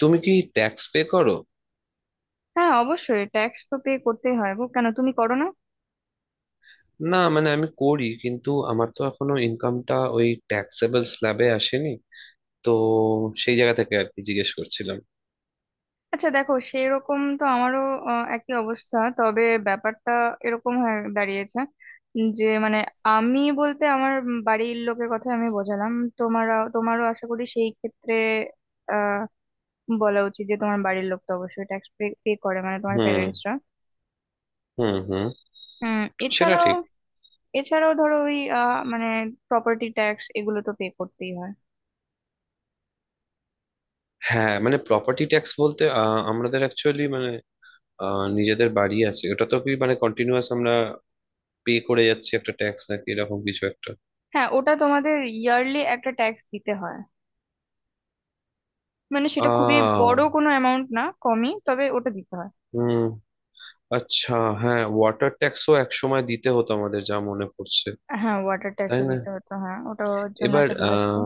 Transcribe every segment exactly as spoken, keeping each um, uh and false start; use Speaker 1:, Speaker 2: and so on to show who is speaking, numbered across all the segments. Speaker 1: তুমি কি tax pay করো?
Speaker 2: হ্যাঁ, অবশ্যই ট্যাক্স তো পে করতেই হয় গো। কেন, তুমি করো না?
Speaker 1: না, মানে আমি করি কিন্তু আমার তো এখনো ইনকামটা ওই ট্যাক্সেবল স্ল্যাবে আসেনি। তো সেই জায়গা থেকে আর কি জিজ্ঞেস করছিলাম।
Speaker 2: আচ্ছা দেখো, সেরকম তো আমারও আহ, একই অবস্থা। তবে ব্যাপারটা এরকম হয়ে দাঁড়িয়েছে যে মানে আমি বলতে আমার বাড়ির লোকের কথা আমি বোঝালাম। তোমার তোমারও আশা করি সেই ক্ষেত্রে আহ বলা উচিত যে তোমার বাড়ির লোক তো অবশ্যই ট্যাক্স পে পে করে, মানে তোমার
Speaker 1: হুম,
Speaker 2: প্যারেন্টসরা।
Speaker 1: হুম, হুম।
Speaker 2: হুম।
Speaker 1: সেটা
Speaker 2: এছাড়াও
Speaker 1: ঠিক।
Speaker 2: এছাড়াও ধরো ওই আহ, মানে প্রপার্টি ট্যাক্স এগুলো তো পে করতেই হয়।
Speaker 1: হ্যাঁ, মানে প্রপার্টি ট্যাক্স বলতে আহ, আমাদের অ্যাকচুয়ালি মানে আহ, নিজেদের বাড়ি আছে, ওটা তো কি মানে কন্টিনিউয়াস আমরা পে করে যাচ্ছি একটা ট্যাক্স নাকি এরকম কিছু একটা।
Speaker 2: হ্যাঁ, ওটা তোমাদের ইয়ারলি একটা ট্যাক্স দিতে হয়। মানে সেটা খুবই বড়
Speaker 1: আহ
Speaker 2: কোনো অ্যামাউন্ট না, কমই, তবে ওটা দিতে হয়।
Speaker 1: হুম, আচ্ছা। হ্যাঁ, ওয়াটার ট্যাক্সও এক সময় দিতে হতো আমাদের যা মনে পড়ছে।
Speaker 2: হ্যাঁ, ওয়াটার
Speaker 1: তাই
Speaker 2: ট্যাক্সও
Speaker 1: না?
Speaker 2: দিতে হতো। হ্যাঁ, ওটার জন্য
Speaker 1: এবার
Speaker 2: একটা বিল আসতো।
Speaker 1: আহ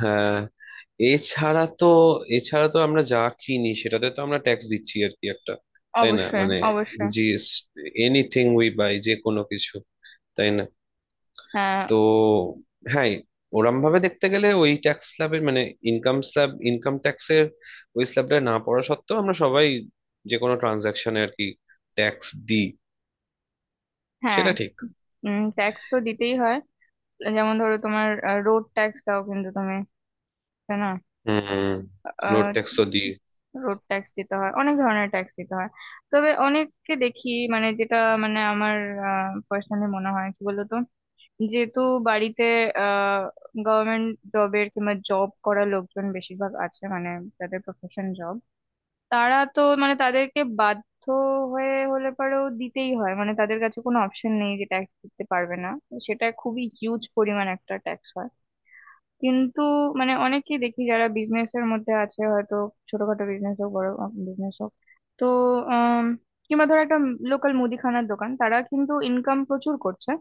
Speaker 1: হ্যাঁ, এছাড়া তো এছাড়া তো আমরা যা কিনি সেটাতে তো আমরা ট্যাক্স দিচ্ছি আর কি একটা, তাই না?
Speaker 2: অবশ্যই
Speaker 1: মানে
Speaker 2: অবশ্যই।
Speaker 1: জিএস, এনিথিং উই বাই, যে কোনো কিছু, তাই না?
Speaker 2: হ্যাঁ।
Speaker 1: তো হ্যাঁ, ওরম ভাবে দেখতে গেলে ওই ট্যাক্স স্ল্যাবের মানে ইনকাম স্ল্যাব, ইনকাম ট্যাক্সের ওই স্ল্যাবটা না পড়া সত্ত্বেও আমরা সবাই যে কোনো ট্রানজাকশনে আর কি ট্যাক্স দিই।
Speaker 2: হ্যাঁ।
Speaker 1: সেটা ঠিক।
Speaker 2: উম ট্যাক্স তো দিতেই হয়। যেমন ধরো তোমার রোড ট্যাক্স দাও, কিন্তু তুমি, তাই না?
Speaker 1: হুম, রোড ট্যাক্স তো দিই।
Speaker 2: রোড ট্যাক্স দিতে হয়, অনেক ধরনের ট্যাক্স দিতে হয়। তবে অনেককে দেখি, মানে যেটা, মানে আমার পার্সোনালি মনে হয় কি বলতো, যেহেতু বাড়িতে আহ গভর্নমেন্ট জবের কিংবা জব করা লোকজন বেশিরভাগ আছে, মানে যাদের প্রফেশন জব, তারা তো মানে তাদেরকে বাধ্য হয়ে হলে পরেও দিতেই হয়। মানে তাদের কাছে কোনো অপশন নেই যে ট্যাক্স দিতে পারবে না। সেটা খুবই হিউজ পরিমাণ একটা ট্যাক্স হয়। কিন্তু মানে অনেকেই দেখি যারা বিজনেস এর মধ্যে আছে, হয়তো ছোটখাটো বিজনেস হোক, বড় বিজনেস হোক, তো আহ কিংবা ধর একটা লোকাল মুদিখানার দোকান, তারা কিন্তু ইনকাম প্রচুর করছে।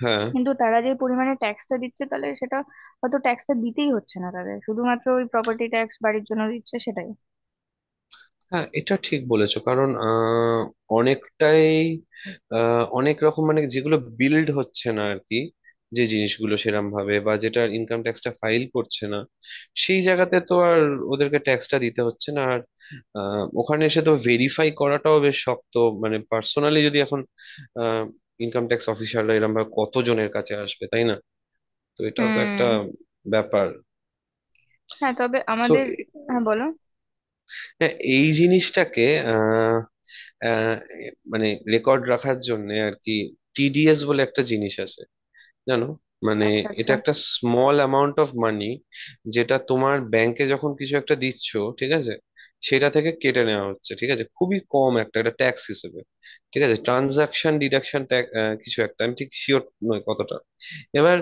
Speaker 1: হ্যাঁ,
Speaker 2: কিন্তু তারা যে পরিমাণে ট্যাক্সটা দিচ্ছে, তাহলে সেটা হয়তো ট্যাক্সটা দিতেই হচ্ছে না তাদের, শুধুমাত্র ওই প্রপার্টি ট্যাক্স বাড়ির জন্য দিচ্ছে সেটাই।
Speaker 1: হ্যাঁ, এটা ঠিক বলেছো, কারণ আহ, অনেকটাই আহ, অনেক রকম মানে যেগুলো বিল্ড হচ্ছে না আর কি, যে জিনিসগুলো সেরম ভাবে, বা যেটা ইনকাম ট্যাক্সটা ফাইল করছে না সেই জায়গাতে তো আর ওদেরকে ট্যাক্সটা দিতে হচ্ছে না, আর আহ, ওখানে এসে তো ভেরিফাই করাটাও বেশ শক্ত। মানে পার্সোনালি যদি এখন ইনকাম ট্যাক্স অফিসাররা এরম ভাবে কতজনের কাছে আসবে, তাই না? তো এটাও তো একটা
Speaker 2: হুম।
Speaker 1: ব্যাপার।
Speaker 2: হ্যাঁ, তবে
Speaker 1: তো
Speaker 2: আমাদের। হ্যাঁ, বলো।
Speaker 1: এই জিনিসটাকে আহ, মানে রেকর্ড রাখার জন্য আর কি, টিডিএস বলে একটা জিনিস আছে, জানো? মানে
Speaker 2: আচ্ছা আচ্ছা।
Speaker 1: এটা একটা স্মল অ্যামাউন্ট অফ মানি যেটা তোমার ব্যাংকে যখন কিছু একটা দিচ্ছ, ঠিক আছে, সেটা থেকে কেটে নেওয়া হচ্ছে, ঠিক আছে, খুবই কম একটা একটা ট্যাক্স হিসেবে, ঠিক আছে। ট্রানজাকশন ডিডাকশন ট্যাক্স কিছু একটা, আমি ঠিক শিওর নই কতটা। এবার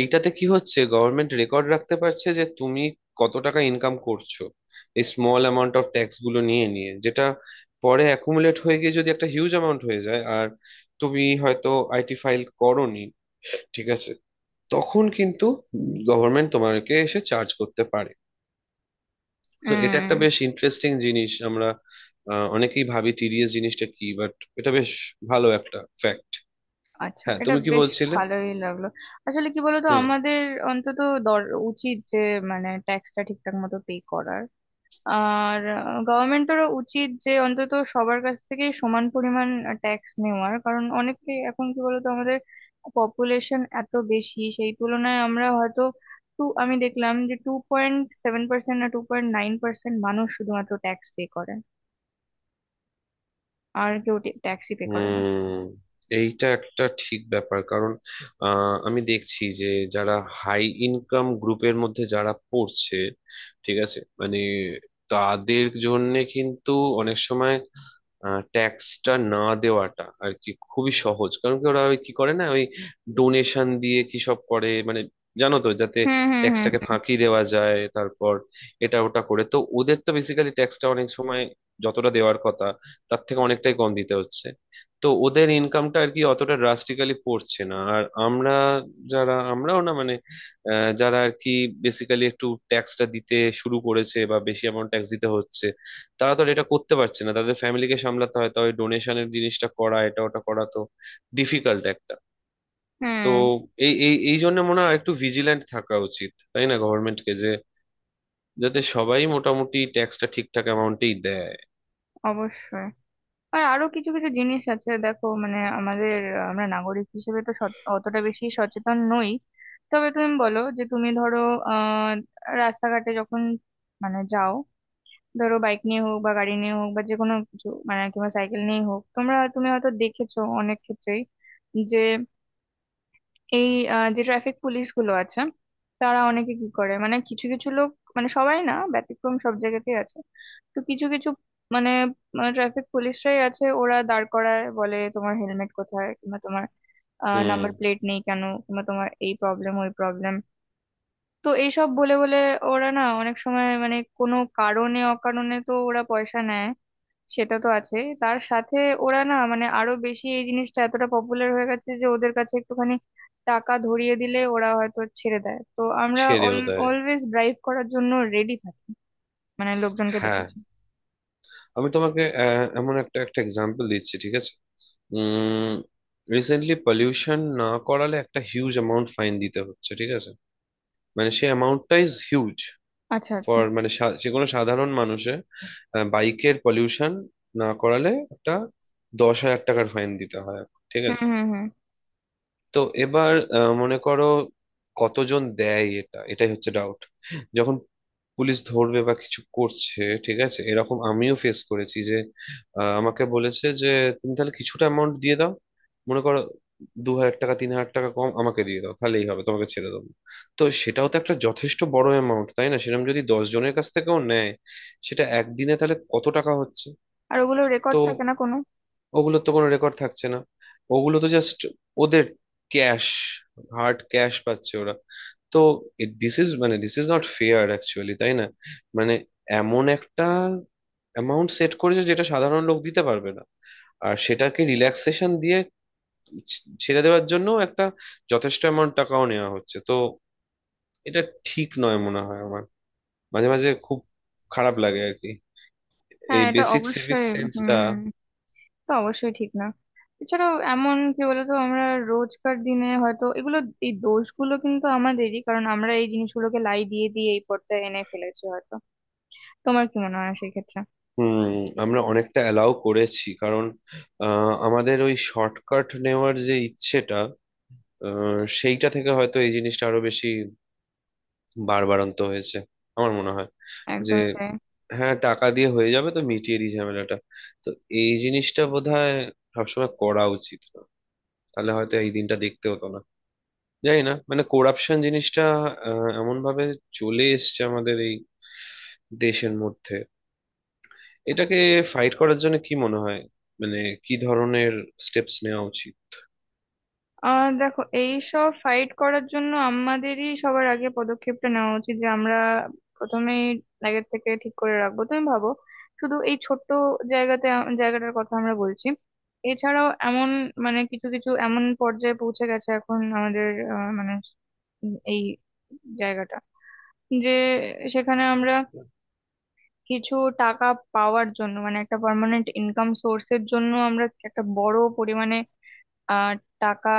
Speaker 1: এইটাতে কি হচ্ছে, গভর্নমেন্ট রেকর্ড রাখতে পারছে যে তুমি কত টাকা ইনকাম করছো, এই স্মল অ্যামাউন্ট অফ ট্যাক্স গুলো নিয়ে নিয়ে, যেটা পরে অ্যাকুমুলেট হয়ে গিয়ে যদি একটা হিউজ অ্যামাউন্ট হয়ে যায় আর তুমি হয়তো আইটি ফাইল করোনি, ঠিক আছে, তখন কিন্তু গভর্নমেন্ট তোমাকে এসে চার্জ করতে পারে। তো এটা
Speaker 2: হুম।
Speaker 1: একটা বেশ ইন্টারেস্টিং জিনিস, আমরা আহ, অনেকেই ভাবি টিডিএস জিনিসটা কি, বাট এটা বেশ ভালো একটা ফ্যাক্ট।
Speaker 2: আচ্ছা,
Speaker 1: হ্যাঁ,
Speaker 2: এটা
Speaker 1: তুমি কি
Speaker 2: বেশ
Speaker 1: বলছিলে?
Speaker 2: ভালোই লাগলো। আসলে কি বলতো,
Speaker 1: হুম,
Speaker 2: আমাদের অন্তত দর উচিত যে মানে ট্যাক্সটা ঠিকঠাক মতো পে করার। আর গভর্নমেন্টেরও উচিত যে অন্তত সবার কাছ থেকে সমান পরিমাণ ট্যাক্স নেওয়ার, কারণ অনেকে। এখন কি বলতো, আমাদের পপুলেশন এত বেশি, সেই তুলনায় আমরা হয়তো টু আমি দেখলাম যে টু পয়েন্ট সেভেন পার্সেন্ট না, টু পয়েন্ট নাইন পার্সেন্ট মানুষ শুধুমাত্র ট্যাক্স পে করে। আর কেউ ট্যাক্সই পে করে না।
Speaker 1: হুম। এইটা একটা ঠিক ব্যাপার, কারণ আহ, আমি দেখছি যে যারা হাই ইনকাম গ্রুপের মধ্যে যারা পড়ছে, ঠিক আছে, মানে তাদের জন্য কিন্তু অনেক সময় ট্যাক্সটা না দেওয়াটা আর কি খুবই সহজ, কারণ কি ওরা ওই কি করে না ওই ডোনেশন দিয়ে কি সব করে মানে, জানো তো, যাতে
Speaker 2: হুম হুম
Speaker 1: ট্যাক্সটাকে
Speaker 2: হুম।
Speaker 1: ফাঁকি দেওয়া যায়, তারপর এটা ওটা করে, তো ওদের তো বেসিক্যালি ট্যাক্সটা অনেক সময় যতটা দেওয়ার কথা তার থেকে অনেকটাই কম দিতে হচ্ছে। তো ওদের ইনকামটা আর কি অতটা ড্রাস্টিক্যালি পড়ছে না, আর আমরা যারা, আমরাও না মানে আহ, যারা আর কি বেসিক্যালি একটু ট্যাক্সটা দিতে শুরু করেছে বা বেশি অ্যামাউন্ট ট্যাক্স দিতে হচ্ছে, তারা তো আর এটা করতে পারছে না, তাদের ফ্যামিলিকে সামলাতে হয়, তবে ডোনেশনের জিনিসটা করা, এটা ওটা করা তো ডিফিকাল্ট একটা। তো
Speaker 2: হুম।
Speaker 1: এই এই এই জন্য মনে হয় একটু ভিজিল্যান্ট থাকা উচিত, তাই না, গভর্নমেন্টকে, যে যাতে সবাই মোটামুটি ট্যাক্সটা ঠিকঠাক অ্যামাউন্টেই দেয়।
Speaker 2: অবশ্যই। আর আরো কিছু কিছু জিনিস আছে, দেখো মানে আমাদের আহ, আমরা নাগরিক হিসেবে তো সচ- অতটা বেশি সচেতন নই। তবে তুমি বলো যে তুমি ধরো আহ রাস্তাঘাটে যখন, মানে যাও ধরো বাইক নিয়ে হোক বা গাড়ি নিয়ে হোক বা যে কোনো কিছু মানে কিংবা সাইকেল নিয়ে হোক, তোমরা, তুমি হয়তো দেখেছো অনেক ক্ষেত্রেই যে এই আহ, যে ট্রাফিক পুলিশ গুলো আছে, তারা অনেকে কি করে, মানে কিছু কিছু লোক, মানে সবাই না, ব্যতিক্রম সব জায়গাতেই আছে, তো কিছু কিছু মানে ট্রাফিক পুলিশরাই আছে, ওরা দাঁড় করায় বলে তোমার হেলমেট কোথায়, কিংবা তোমার
Speaker 1: হুম।
Speaker 2: নাম্বার প্লেট নেই কেন, কিংবা তোমার এই প্রবলেম ওই প্রবলেম। তো এইসব বলে বলে ওরা না অনেক সময় মানে কোনো কারণে অকারণে তো ওরা পয়সা নেয়। সেটা তো আছে, তার সাথে ওরা না মানে আরো বেশি এই জিনিসটা এতটা পপুলার হয়ে গেছে যে ওদের কাছে একটুখানি টাকা ধরিয়ে দিলে ওরা হয়তো ছেড়ে দেয়। তো আমরা
Speaker 1: ছেড়েও দেয়।
Speaker 2: অলওয়েজ ড্রাইভ করার জন্য রেডি থাকি, মানে লোকজনকে
Speaker 1: হ্যাঁ,
Speaker 2: দেখেছি।
Speaker 1: আমি তোমাকে আহ, এমন একটা একটা এক্সাম্পল দিচ্ছি, ঠিক আছে। উম রিসেন্টলি পলিউশন না করালে একটা হিউজ অ্যামাউন্ট ফাইন দিতে হচ্ছে, ঠিক আছে। মানে সেই অ্যামাউন্টটা ইজ হিউজ
Speaker 2: আচ্ছা আচ্ছা।
Speaker 1: ফর মানে সা- যে কোনো সাধারণ মানুষের বাইকের পলিউশন না করালে একটা দশ হাজার টাকার ফাইন দিতে হয়, ঠিক
Speaker 2: হুম
Speaker 1: আছে।
Speaker 2: হুম হুম।
Speaker 1: তো এবার আহ, মনে করো কতজন দেয়, এটা এটাই হচ্ছে ডাউট। যখন পুলিশ ধরবে বা কিছু করছে, ঠিক আছে, এরকম আমিও ফেস করেছি যে আহ, আমাকে বলেছে যে তুমি তাহলে কিছুটা অ্যামাউন্ট দিয়ে দাও, মনে করো দু হাজার টাকা, তিন হাজার টাকা কম আমাকে দিয়ে দাও, তাহলেই হবে, তোমাকে ছেড়ে দেবো। তো সেটাও তো একটা যথেষ্ট বড় অ্যামাউন্ট, তাই না? সেরকম যদি দশ জনের কাছ থেকেও নেয় সেটা একদিনে তাহলে কত টাকা হচ্ছে।
Speaker 2: আর ওগুলো রেকর্ড
Speaker 1: তো
Speaker 2: থাকে না কোনো?
Speaker 1: ওগুলোর তো কোনো রেকর্ড থাকছে না, ওগুলো তো জাস্ট ওদের ক্যাশ, হার্ড ক্যাশ পাচ্ছে ওরা। তো দিস ইজ মানে this is not fair actually, তাই না? মানে এমন একটা অ্যামাউন্ট সেট করেছে যেটা সাধারণ লোক দিতে পারবে না, আর সেটাকে রিল্যাক্সেশন দিয়ে ছ- ছেড়ে দেওয়ার জন্য একটা যথেষ্ট অ্যামাউন্ট টাকাও নেওয়া হচ্ছে, তো এটা ঠিক নয় মনে হয় আমার, মাঝে মাঝে খুব খারাপ লাগে আর কি,
Speaker 2: হ্যাঁ,
Speaker 1: এই
Speaker 2: এটা
Speaker 1: বেসিক সিভিক
Speaker 2: অবশ্যই।
Speaker 1: সেন্সটা।
Speaker 2: হুম, তো অবশ্যই ঠিক না। এছাড়াও এমন কি বলতো, আমরা রোজকার দিনে হয়তো এগুলো, এই দোষগুলো কিন্তু আমাদেরই, কারণ আমরা এই জিনিসগুলোকে লাই দিয়ে দিয়ে এই পর্যায়ে এনে ফেলেছি হয়তো। তোমার কি মনে হয় সেক্ষেত্রে?
Speaker 1: হুম। আমরা অনেকটা অ্যালাউ করেছি, কারণ আহ, আমাদের ওই শর্টকাট নেওয়ার যে ইচ্ছেটা, আহ, সেইটা থেকে হয়তো এই জিনিসটা আরো বেশি বাড়বাড়ন্ত হয়েছে, আমার মনে হয়। যে
Speaker 2: একদমই তাই।
Speaker 1: হ্যাঁ, টাকা দিয়ে হয়ে যাবে তো মিটিয়ে দিই ঝামেলাটা। তো এই জিনিসটা বোধহয় সবসময় করা উচিত না, তাহলে হয়তো এই দিনটা দেখতে হতো না। জানি না, মানে করাপশন জিনিসটা এমন ভাবে চলে এসছে আমাদের এই দেশের মধ্যে, এটাকে ফাইট করার জন্য কি মনে হয় মানে কি ধরনের স্টেপস নেওয়া উচিত?
Speaker 2: আহ দেখো, এই সব ফাইট করার জন্য আমাদেরই সবার আগে পদক্ষেপটা নেওয়া উচিত যে আমরা প্রথমেই আগের থেকে ঠিক করে রাখবো। তুমি ভাবো, শুধু এই ছোট্ট জায়গাতে আ- জায়গাটার কথা আমরা বলছি। এছাড়াও এমন, মানে কিছু কিছু এমন পর্যায়ে পৌঁছে গেছে এখন আমাদের আহ, মানে উম, এই জায়গাটা যে সেখানে আমরা কিছু টাকা পাওয়ার জন্য, মানে একটা পার্মানেন্ট ইনকাম সোর্সের জন্য আমরা একটা বড় পরিমাণে আহ টাকা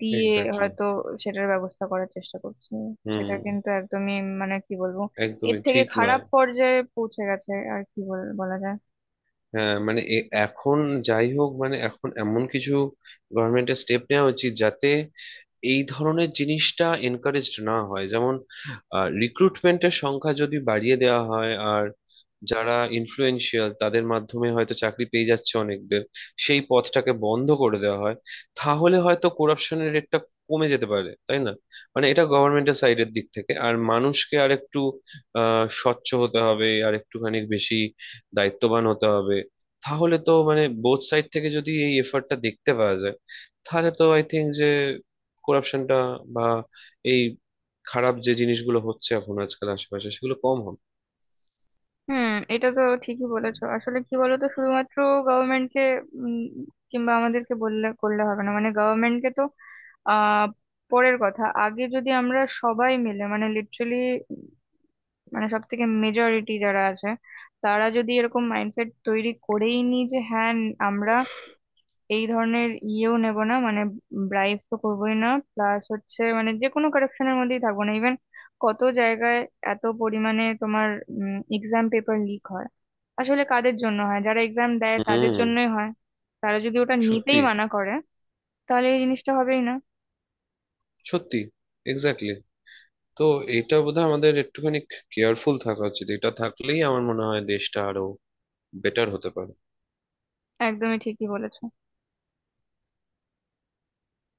Speaker 2: দিয়ে
Speaker 1: এক্স্যাক্টলি।
Speaker 2: হয়তো সেটার ব্যবস্থা করার চেষ্টা করছি। সেটা
Speaker 1: হুম।
Speaker 2: কিন্তু একদমই, মানে কি বলবো, এর
Speaker 1: একদমই
Speaker 2: থেকে
Speaker 1: ঠিক
Speaker 2: খারাপ
Speaker 1: নয়।
Speaker 2: পর্যায়ে পৌঁছে গেছে আর কি বল- বলা যায়।
Speaker 1: হ্যাঁ, মানে এ- এখন যাই হোক, মানে এখন এমন কিছু গভর্নমেন্টের স্টেপ নেওয়া উচিত যাতে এই ধরনের জিনিসটা এনকারেজড না হয়। যেমন রিক্রুটমেন্টের সংখ্যা যদি বাড়িয়ে দেওয়া হয়, আর যারা ইনফ্লুয়েন্সিয়াল তাদের মাধ্যমে হয়তো চাকরি পেয়ে যাচ্ছে অনেকদের, সেই পথটাকে বন্ধ করে দেওয়া হয়, তাহলে হয়তো করাপশনের রেটটা কমে যেতে পারে, তাই না? মানে এটা গভর্নমেন্টের সাইডের দিক থেকে, আর মানুষকে আরেকটু আহ, স্বচ্ছ হতে হবে আর একটুখানি বেশি দায়িত্ববান হতে হবে। তাহলে তো মানে বোথ সাইড থেকে যদি এই এফার্টটা দেখতে পাওয়া যায় তাহলে তো আই থিঙ্ক যে করাপশনটা বা এই খারাপ যে জিনিসগুলো হচ্ছে এখন আজকাল আশেপাশে সেগুলো কম হবে।
Speaker 2: হুম। এটা তো ঠিকই বলেছো। আসলে কি বলতো, শুধুমাত্র গভর্নমেন্টকে কিংবা আমাদেরকে বললে করলে হবে না। মানে গভর্নমেন্টকে তো আহ পরের কথা, আগে যদি আমরা সবাই মিলে মানে লিটারালি মানে সব থেকে মেজরিটি যারা আছে, তারা যদি এরকম মাইন্ডসেট তৈরি করেই নি যে হ্যাঁ আমরা এই ধরনের ইয়েও নেব না, মানে ব্রাইব তো করবোই না। প্লাস হচ্ছে মানে যে কোনো কারাপশনের মধ্যেই থাকবো না। ইভেন কত জায়গায় এত পরিমাণে তোমার এক্সাম পেপার লিক হয়, আসলে কাদের জন্য হয়? যারা এক্সাম দেয়, তাদের
Speaker 1: হুম।
Speaker 2: জন্যই হয়। তারা যদি ওটা নিতেই
Speaker 1: সত্যি,
Speaker 2: মানা করে, তাহলে এই জিনিসটা হবেই না।
Speaker 1: সত্যি, এক্স্যাক্টলি। তো এটা বোধহয় আমাদের একটুখানি কেয়ারফুল থাকা উচিত, এটা থাকলেই আমার মনে হয় দেশটা আরো বেটার হতে পারে।
Speaker 2: একদমই ঠিকই বলেছো।